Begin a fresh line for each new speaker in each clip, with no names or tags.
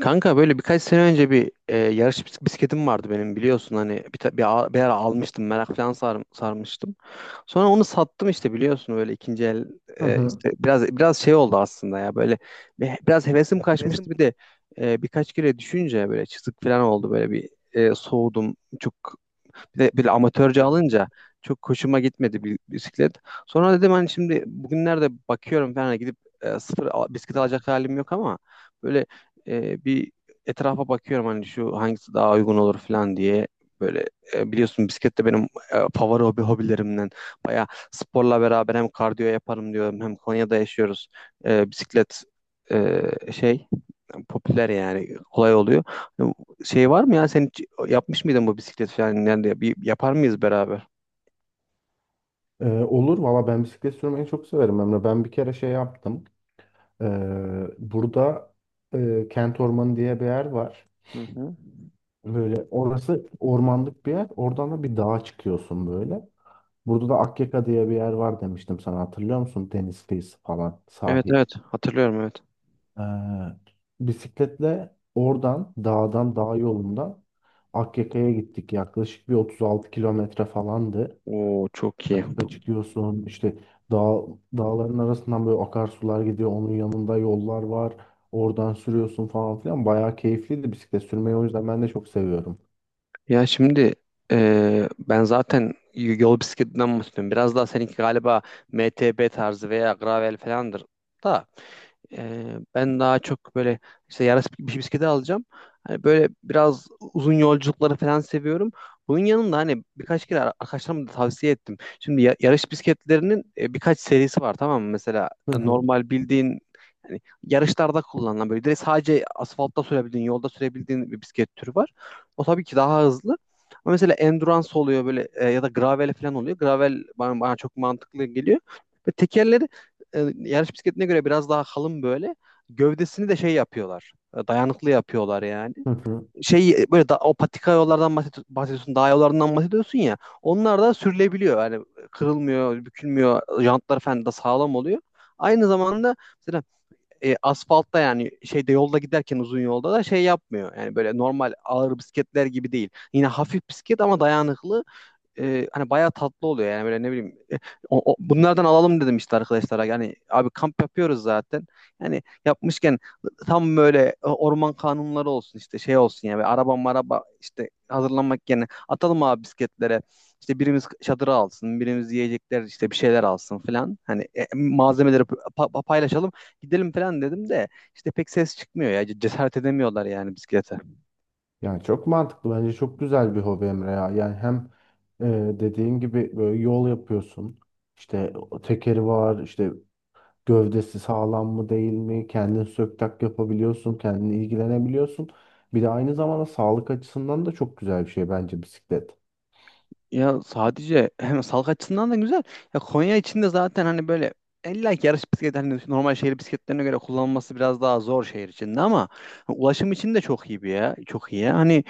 Kanka böyle birkaç sene önce yarış bisikletim vardı benim biliyorsun hani bir, ta- bir, a- bir ara almıştım merak falan sarmıştım. Sonra onu sattım işte biliyorsun böyle ikinci el
Hı hı.
işte biraz şey oldu aslında ya böyle biraz hevesim
Resim
kaçmıştı bir de birkaç kere düşünce böyle çizik falan oldu böyle soğudum çok bir de böyle amatörce
anlatır.
alınca çok hoşuma gitmedi bir bisiklet. Sonra dedim hani şimdi bugünlerde bakıyorum falan hani, gidip bisiklet alacak halim yok ama böyle e, bir etrafa bakıyorum hani şu hangisi daha uygun olur falan diye. Biliyorsun bisiklet de benim favori hobilerimden. Bayağı sporla beraber hem kardiyo yaparım diyorum hem Konya'da yaşıyoruz. Bisiklet e, şey popüler yani kolay oluyor. Yani Şey var mı ya sen hiç yapmış mıydın bu bisiklet falan yani bir yapar mıyız beraber?
Olur valla, ben bisiklet sürmeyi çok severim Emre. Ben bir kere şey yaptım. Burada Kent Ormanı diye bir yer var.
Hı hı.
Böyle orası ormanlık bir yer. Oradan da bir dağa çıkıyorsun böyle. Burada da Akyaka diye bir yer var, demiştim sana, hatırlıyor musun? Deniz kıyısı falan,
Evet,
sahil.
evet, hatırlıyorum, evet.
Ee, Bisikletle oradan dağdan, dağ yolundan Akyaka'ya gittik. Yaklaşık bir 36 kilometre falandı.
Oo, çok iyi.
Patika çıkıyorsun, işte dağ, dağların arasından böyle akarsular gidiyor, onun yanında yollar var, oradan sürüyorsun falan filan. Bayağı keyifliydi, bisiklet sürmeyi o yüzden ben de çok seviyorum.
Ya şimdi ben zaten yol bisikletinden bahsediyorum. Biraz daha seninki galiba MTB tarzı veya gravel falandır da. Ben daha çok böyle işte yarış bir bisikleti alacağım. Hani böyle biraz uzun yolculukları falan seviyorum. Bunun yanında hani birkaç kere arkadaşlarıma da tavsiye ettim. Şimdi yarış bisikletlerinin birkaç serisi var, tamam mı? Mesela
Hı, evet. Hı,
normal bildiğin hani yarışlarda kullanılan böyle direkt sadece asfaltta sürebildiğin, yolda sürebildiğin bir bisiklet türü var. O tabii ki daha hızlı. Ama mesela endurance oluyor böyle ya da gravel falan oluyor. Gravel bana çok mantıklı geliyor. Ve tekerleri yarış bisikletine göre biraz daha kalın böyle. Gövdesini de şey yapıyorlar. Dayanıklı yapıyorlar yani.
hı hı.
Şey o patika yollardan bahsediyorsun, dağ yollarından bahsediyorsun ya. Onlar da sürülebiliyor. Yani kırılmıyor, bükülmüyor. Jantlar falan da sağlam oluyor. Aynı zamanda mesela asfaltta yani şeyde yolda giderken uzun yolda da şey yapmıyor. Yani böyle normal ağır bisikletler gibi değil. Yine hafif bisiklet ama dayanıklı, hani bayağı tatlı oluyor yani böyle ne bileyim, bunlardan alalım dedim işte arkadaşlara yani abi kamp yapıyoruz zaten yani yapmışken tam böyle orman kanunları olsun işte şey olsun ya yani araba maraba işte hazırlanmak yerine atalım abi bisikletlere, işte birimiz çadırı alsın birimiz yiyecekler işte bir şeyler alsın falan hani malzemeleri paylaşalım gidelim falan dedim de işte pek ses çıkmıyor ya, cesaret edemiyorlar yani bisiklete.
Yani çok mantıklı, bence çok güzel bir hobi Emre ya. Yani hem e, dediğin gibi böyle yol yapıyorsun, işte o tekeri var, işte gövdesi sağlam mı değil mi, kendin sök tak yapabiliyorsun, kendin ilgilenebiliyorsun, bir de aynı zamanda sağlık açısından da çok güzel bir şey bence bisiklet.
Ya sadece hem sağlık açısından da güzel. Ya Konya içinde zaten hani böyle illa ki yarış bisikleti hani normal şehir bisikletlerine göre kullanılması biraz daha zor şehir içinde ama ulaşım için de çok iyi bir ya. Çok iyi ya. Hani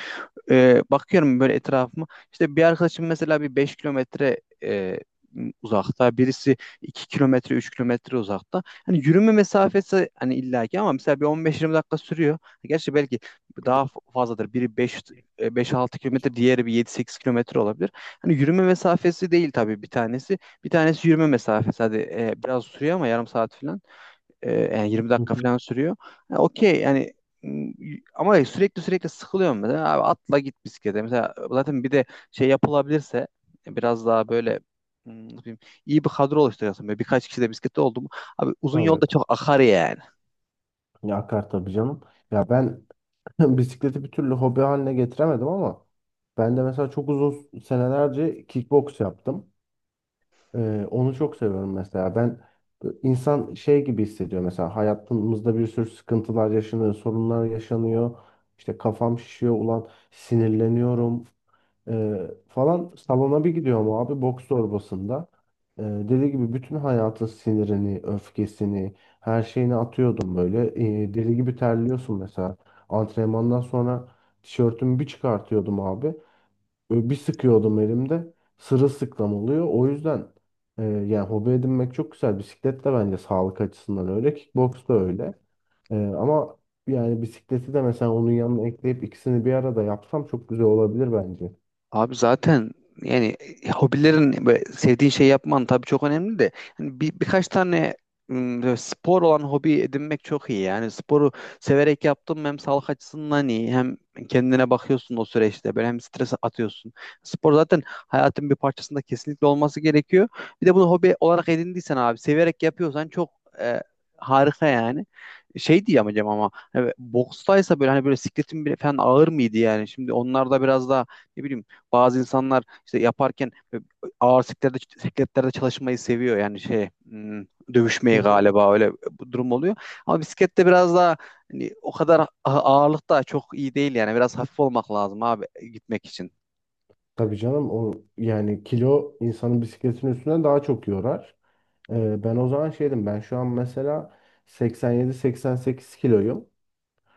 bakıyorum böyle etrafıma. İşte bir arkadaşım mesela bir 5 kilometre uzakta, birisi 2 kilometre, 3 kilometre uzakta. Hani yürüme mesafesi hani illaki, ama mesela bir 15 20 dakika sürüyor. Gerçi belki
Peki.
daha fazladır. Biri 5 6 kilometre, diğeri bir 7 8 kilometre olabilir. Hani yürüme mesafesi değil tabii bir tanesi. Bir tanesi yürüme mesafesi. Hadi, biraz sürüyor ama yarım saat falan. Yani yirmi
Hı
dakika
hı.
falan sürüyor. Ha, okey yani, m, ama sürekli sıkılıyorum mesela. Abi atla git bisiklete. Mesela zaten bir de şey yapılabilirse biraz daha böyle, ne bileyim, iyi bir kadro oluşturuyorsun. Böyle birkaç kişi de bisiklette oldu mu? Abi uzun yolda
Evet.
çok akar yani.
Ya akar tabii canım. Ya ben bisikleti bir türlü hobi haline getiremedim ama ben de mesela çok uzun senelerce kickbox yaptım. Onu çok seviyorum mesela. Ben, insan şey gibi hissediyor mesela, hayatımızda bir sürü sıkıntılar yaşanıyor, sorunlar yaşanıyor. İşte kafam şişiyor, ulan sinirleniyorum. Falan salona bir gidiyorum abi, boks torbasında. Deli gibi bütün hayatın sinirini, öfkesini, her şeyini atıyordum böyle. Deli gibi terliyorsun mesela. Antrenmandan sonra tişörtümü bir çıkartıyordum abi. Böyle bir sıkıyordum elimde. Sırılsıklam oluyor. O yüzden yani hobi edinmek çok güzel. Bisiklet de bence sağlık açısından öyle. Kickboks da öyle. Ama yani bisikleti de mesela onun yanına ekleyip ikisini bir arada yapsam çok güzel olabilir bence.
Abi zaten yani hobilerin böyle sevdiğin şey yapman tabii çok önemli de hani birkaç tane, böyle spor olan hobi edinmek çok iyi. Yani sporu severek yaptım, hem sağlık açısından iyi hem kendine bakıyorsun o süreçte böyle, hem stres atıyorsun. Spor zaten hayatın bir parçasında kesinlikle olması gerekiyor. Bir de bunu hobi olarak edindiysen abi severek yapıyorsan çok e, harika yani. Şey diyeceğim hocam, ama hani bokstaysa böyle hani böyle sikletin bile falan ağır mıydı yani? Şimdi onlar da biraz daha ne bileyim, bazı insanlar işte yaparken ağır sikletlerde çalışmayı seviyor yani şey, dövüşmeyi galiba öyle bu durum oluyor. Ama bisiklette biraz daha hani, o kadar ağırlık da çok iyi değil, yani biraz hafif olmak lazım abi, gitmek için.
Tabii canım, o yani kilo, insanın bisikletin üstünden daha çok yorar. Ben o zaman şeydim, ben şu an mesela 87-88 kiloyum.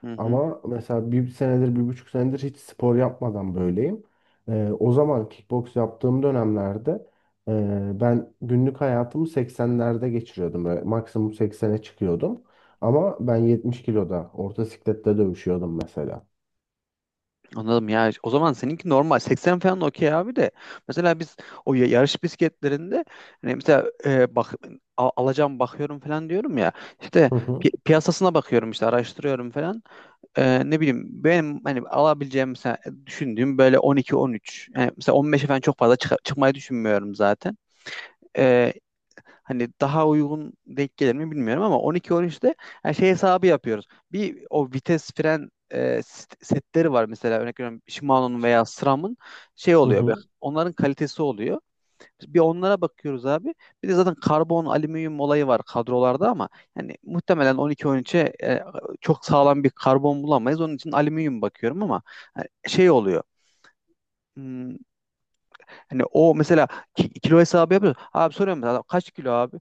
Hı hı.
Ama mesela bir senedir, bir buçuk senedir hiç spor yapmadan böyleyim. O zaman kickbox yaptığım dönemlerde ben günlük hayatımı 80'lerde geçiriyordum. Böyle maksimum 80'e çıkıyordum. Ama ben 70 kiloda orta siklette dövüşüyordum mesela.
Anladım ya. O zaman seninki normal. 80 falan okey abi de. Mesela biz o yarış bisikletlerinde hani mesela alacağım bakıyorum falan diyorum ya. İşte
Hı hı.
piyasasına bakıyorum işte araştırıyorum falan. Ne bileyim benim hani alabileceğim, mesela düşündüğüm böyle 12-13, yani mesela 15'e falan çok fazla çıkmayı düşünmüyorum zaten. Ee, Hani daha uygun denk gelir mi bilmiyorum, ama 12-13'te yani şey hesabı yapıyoruz. Bir o vites fren setleri var mesela, örnek veriyorum, Shimano'nun veya SRAM'ın şey
Hı
oluyor böyle.
hı.
Onların kalitesi oluyor. Bir onlara bakıyoruz abi. Bir de zaten karbon, alüminyum olayı var kadrolarda, ama yani muhtemelen 12-13'e çok sağlam bir karbon bulamayız. Onun için alüminyum bakıyorum, ama şey oluyor. Hmm, Hani o mesela kilo hesabı yapıyor. Abi soruyorum mesela, "Adam kaç kilo abi?"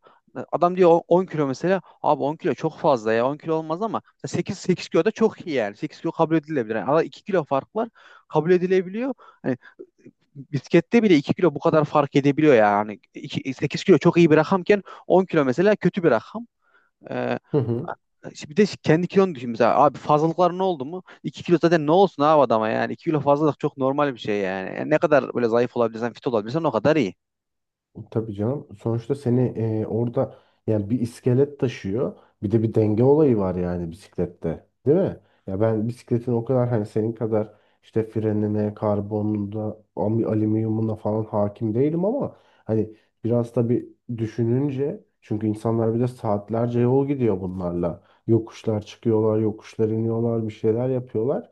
Adam diyor, 10 kilo mesela." Abi 10 kilo çok fazla ya. 10 kilo olmaz ama 8 kilo da çok iyi yani. 8 kilo kabul edilebilir. Yani arada 2 kilo fark var. Kabul edilebiliyor. Biskette bile 2 kilo bu kadar fark edebiliyor yani. İki, sekiz kilo çok iyi bir rakamken 10 kilo mesela kötü bir rakam. Ee,
Hı hı.
işte bir de kendi kilonu düşün mesela. Abi fazlalıklar ne oldu mu? 2 kilo zaten ne olsun abi adama yani. İki kilo fazlalık çok normal bir şey yani. Yani ne kadar böyle zayıf olabilirsen, fit olabilirsen o kadar iyi.
Tabii canım. Sonuçta seni orada yani bir iskelet taşıyor. Bir de bir denge olayı var yani bisiklette, değil mi? Ya ben bisikletin o kadar, hani senin kadar işte frenine, karbonuna, alüminyumuna falan hakim değilim ama hani biraz da bir düşününce, çünkü insanlar bir de saatlerce yol gidiyor bunlarla. Yokuşlar çıkıyorlar, yokuşlar iniyorlar, bir şeyler yapıyorlar.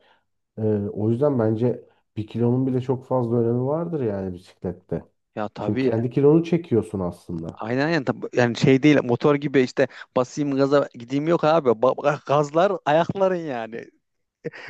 Ee, O yüzden bence bir kilonun bile çok fazla önemi vardır yani bisiklette.
Ya
Çünkü
tabii,
kendi kilonu çekiyorsun aslında.
aynen, yani şey değil motor gibi işte basayım gaza gideyim, yok abi, gazlar ayakların yani.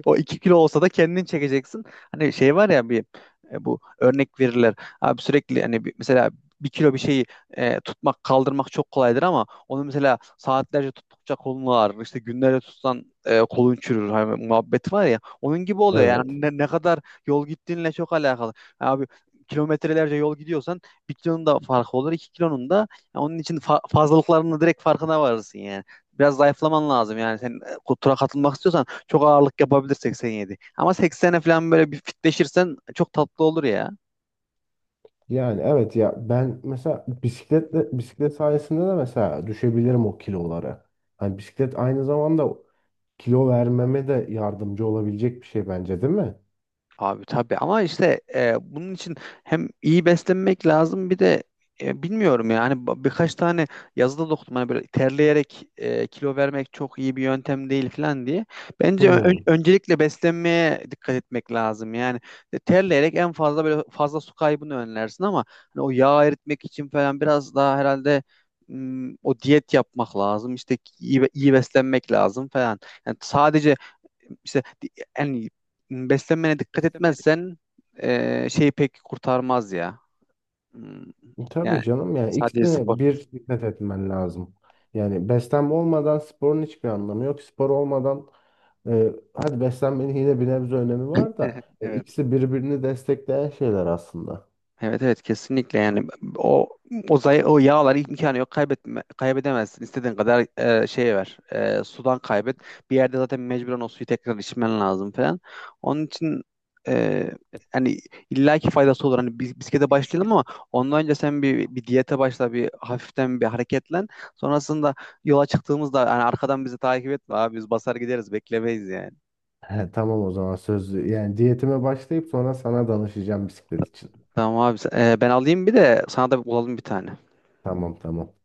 O 2 kilo olsa da kendin çekeceksin. Hani şey var ya, bu örnek verirler. Abi sürekli hani mesela bir kilo bir şeyi tutmak, kaldırmak çok kolaydır ama onu mesela saatlerce tuttukça kolun ağrır. İşte günlerce tutsan kolun çürür. Hani muhabbet var ya. Onun gibi oluyor
Evet.
yani, ne kadar yol gittiğinle çok alakalı. Abi kilometrelerce yol gidiyorsan bir kilonun da farkı olur, iki kilonun da. Yani onun için fazlalıklarının direkt farkına varırsın yani. Biraz zayıflaman lazım yani. Sen tura katılmak istiyorsan çok ağırlık yapabilir 87. Ama 80'e falan böyle bir fitleşirsen çok tatlı olur ya.
Yani evet ya, ben mesela bisikletle, bisiklet sayesinde de mesela düşebilirim o kilolara. Hani bisiklet aynı zamanda kilo vermeme de yardımcı olabilecek bir şey bence, değil mi?
Abi tabii, ama işte bunun için hem iyi beslenmek lazım, bir de bilmiyorum yani, birkaç tane yazıda da okudum hani böyle terleyerek kilo vermek çok iyi bir yöntem değil falan diye. Bence
Hmm.
öncelikle beslenmeye dikkat etmek lazım. Yani terleyerek en fazla böyle fazla su kaybını önlersin, ama hani o yağ eritmek için falan biraz daha herhalde, o diyet yapmak lazım. İşte iyi beslenmek lazım falan. Yani sadece işte yani beslenmene dikkat etmezsen şeyi pek kurtarmaz ya. Hmm,
E, tabii
Yani
canım, yani
sadece spor.
ikisine bir dikkat etmen lazım. Yani beslenme olmadan sporun hiçbir anlamı yok. Spor olmadan hadi beslenmenin yine bir nebze önemi var da
Evet.
ikisi birbirini destekleyen şeyler aslında.
Evet, evet, kesinlikle yani o o yağlar imkanı yok kaybedemezsin istediğin kadar sudan kaybet, bir yerde zaten mecburen o suyu tekrar içmen lazım falan, onun için e, hani illaki faydası olur hani bisiklete başlayalım, ama ondan önce sen bir diyete başla, bir hafiften bir hareketlen, sonrasında yola çıktığımızda hani arkadan bizi takip etme abi, biz basar gideriz, beklemeyiz yani.
He, tamam, o zaman söz, yani diyetime başlayıp sonra sana danışacağım bisiklet için.
Tamam abi, ben alayım, bir de sana da bulalım bir tane.
Tamam tamam.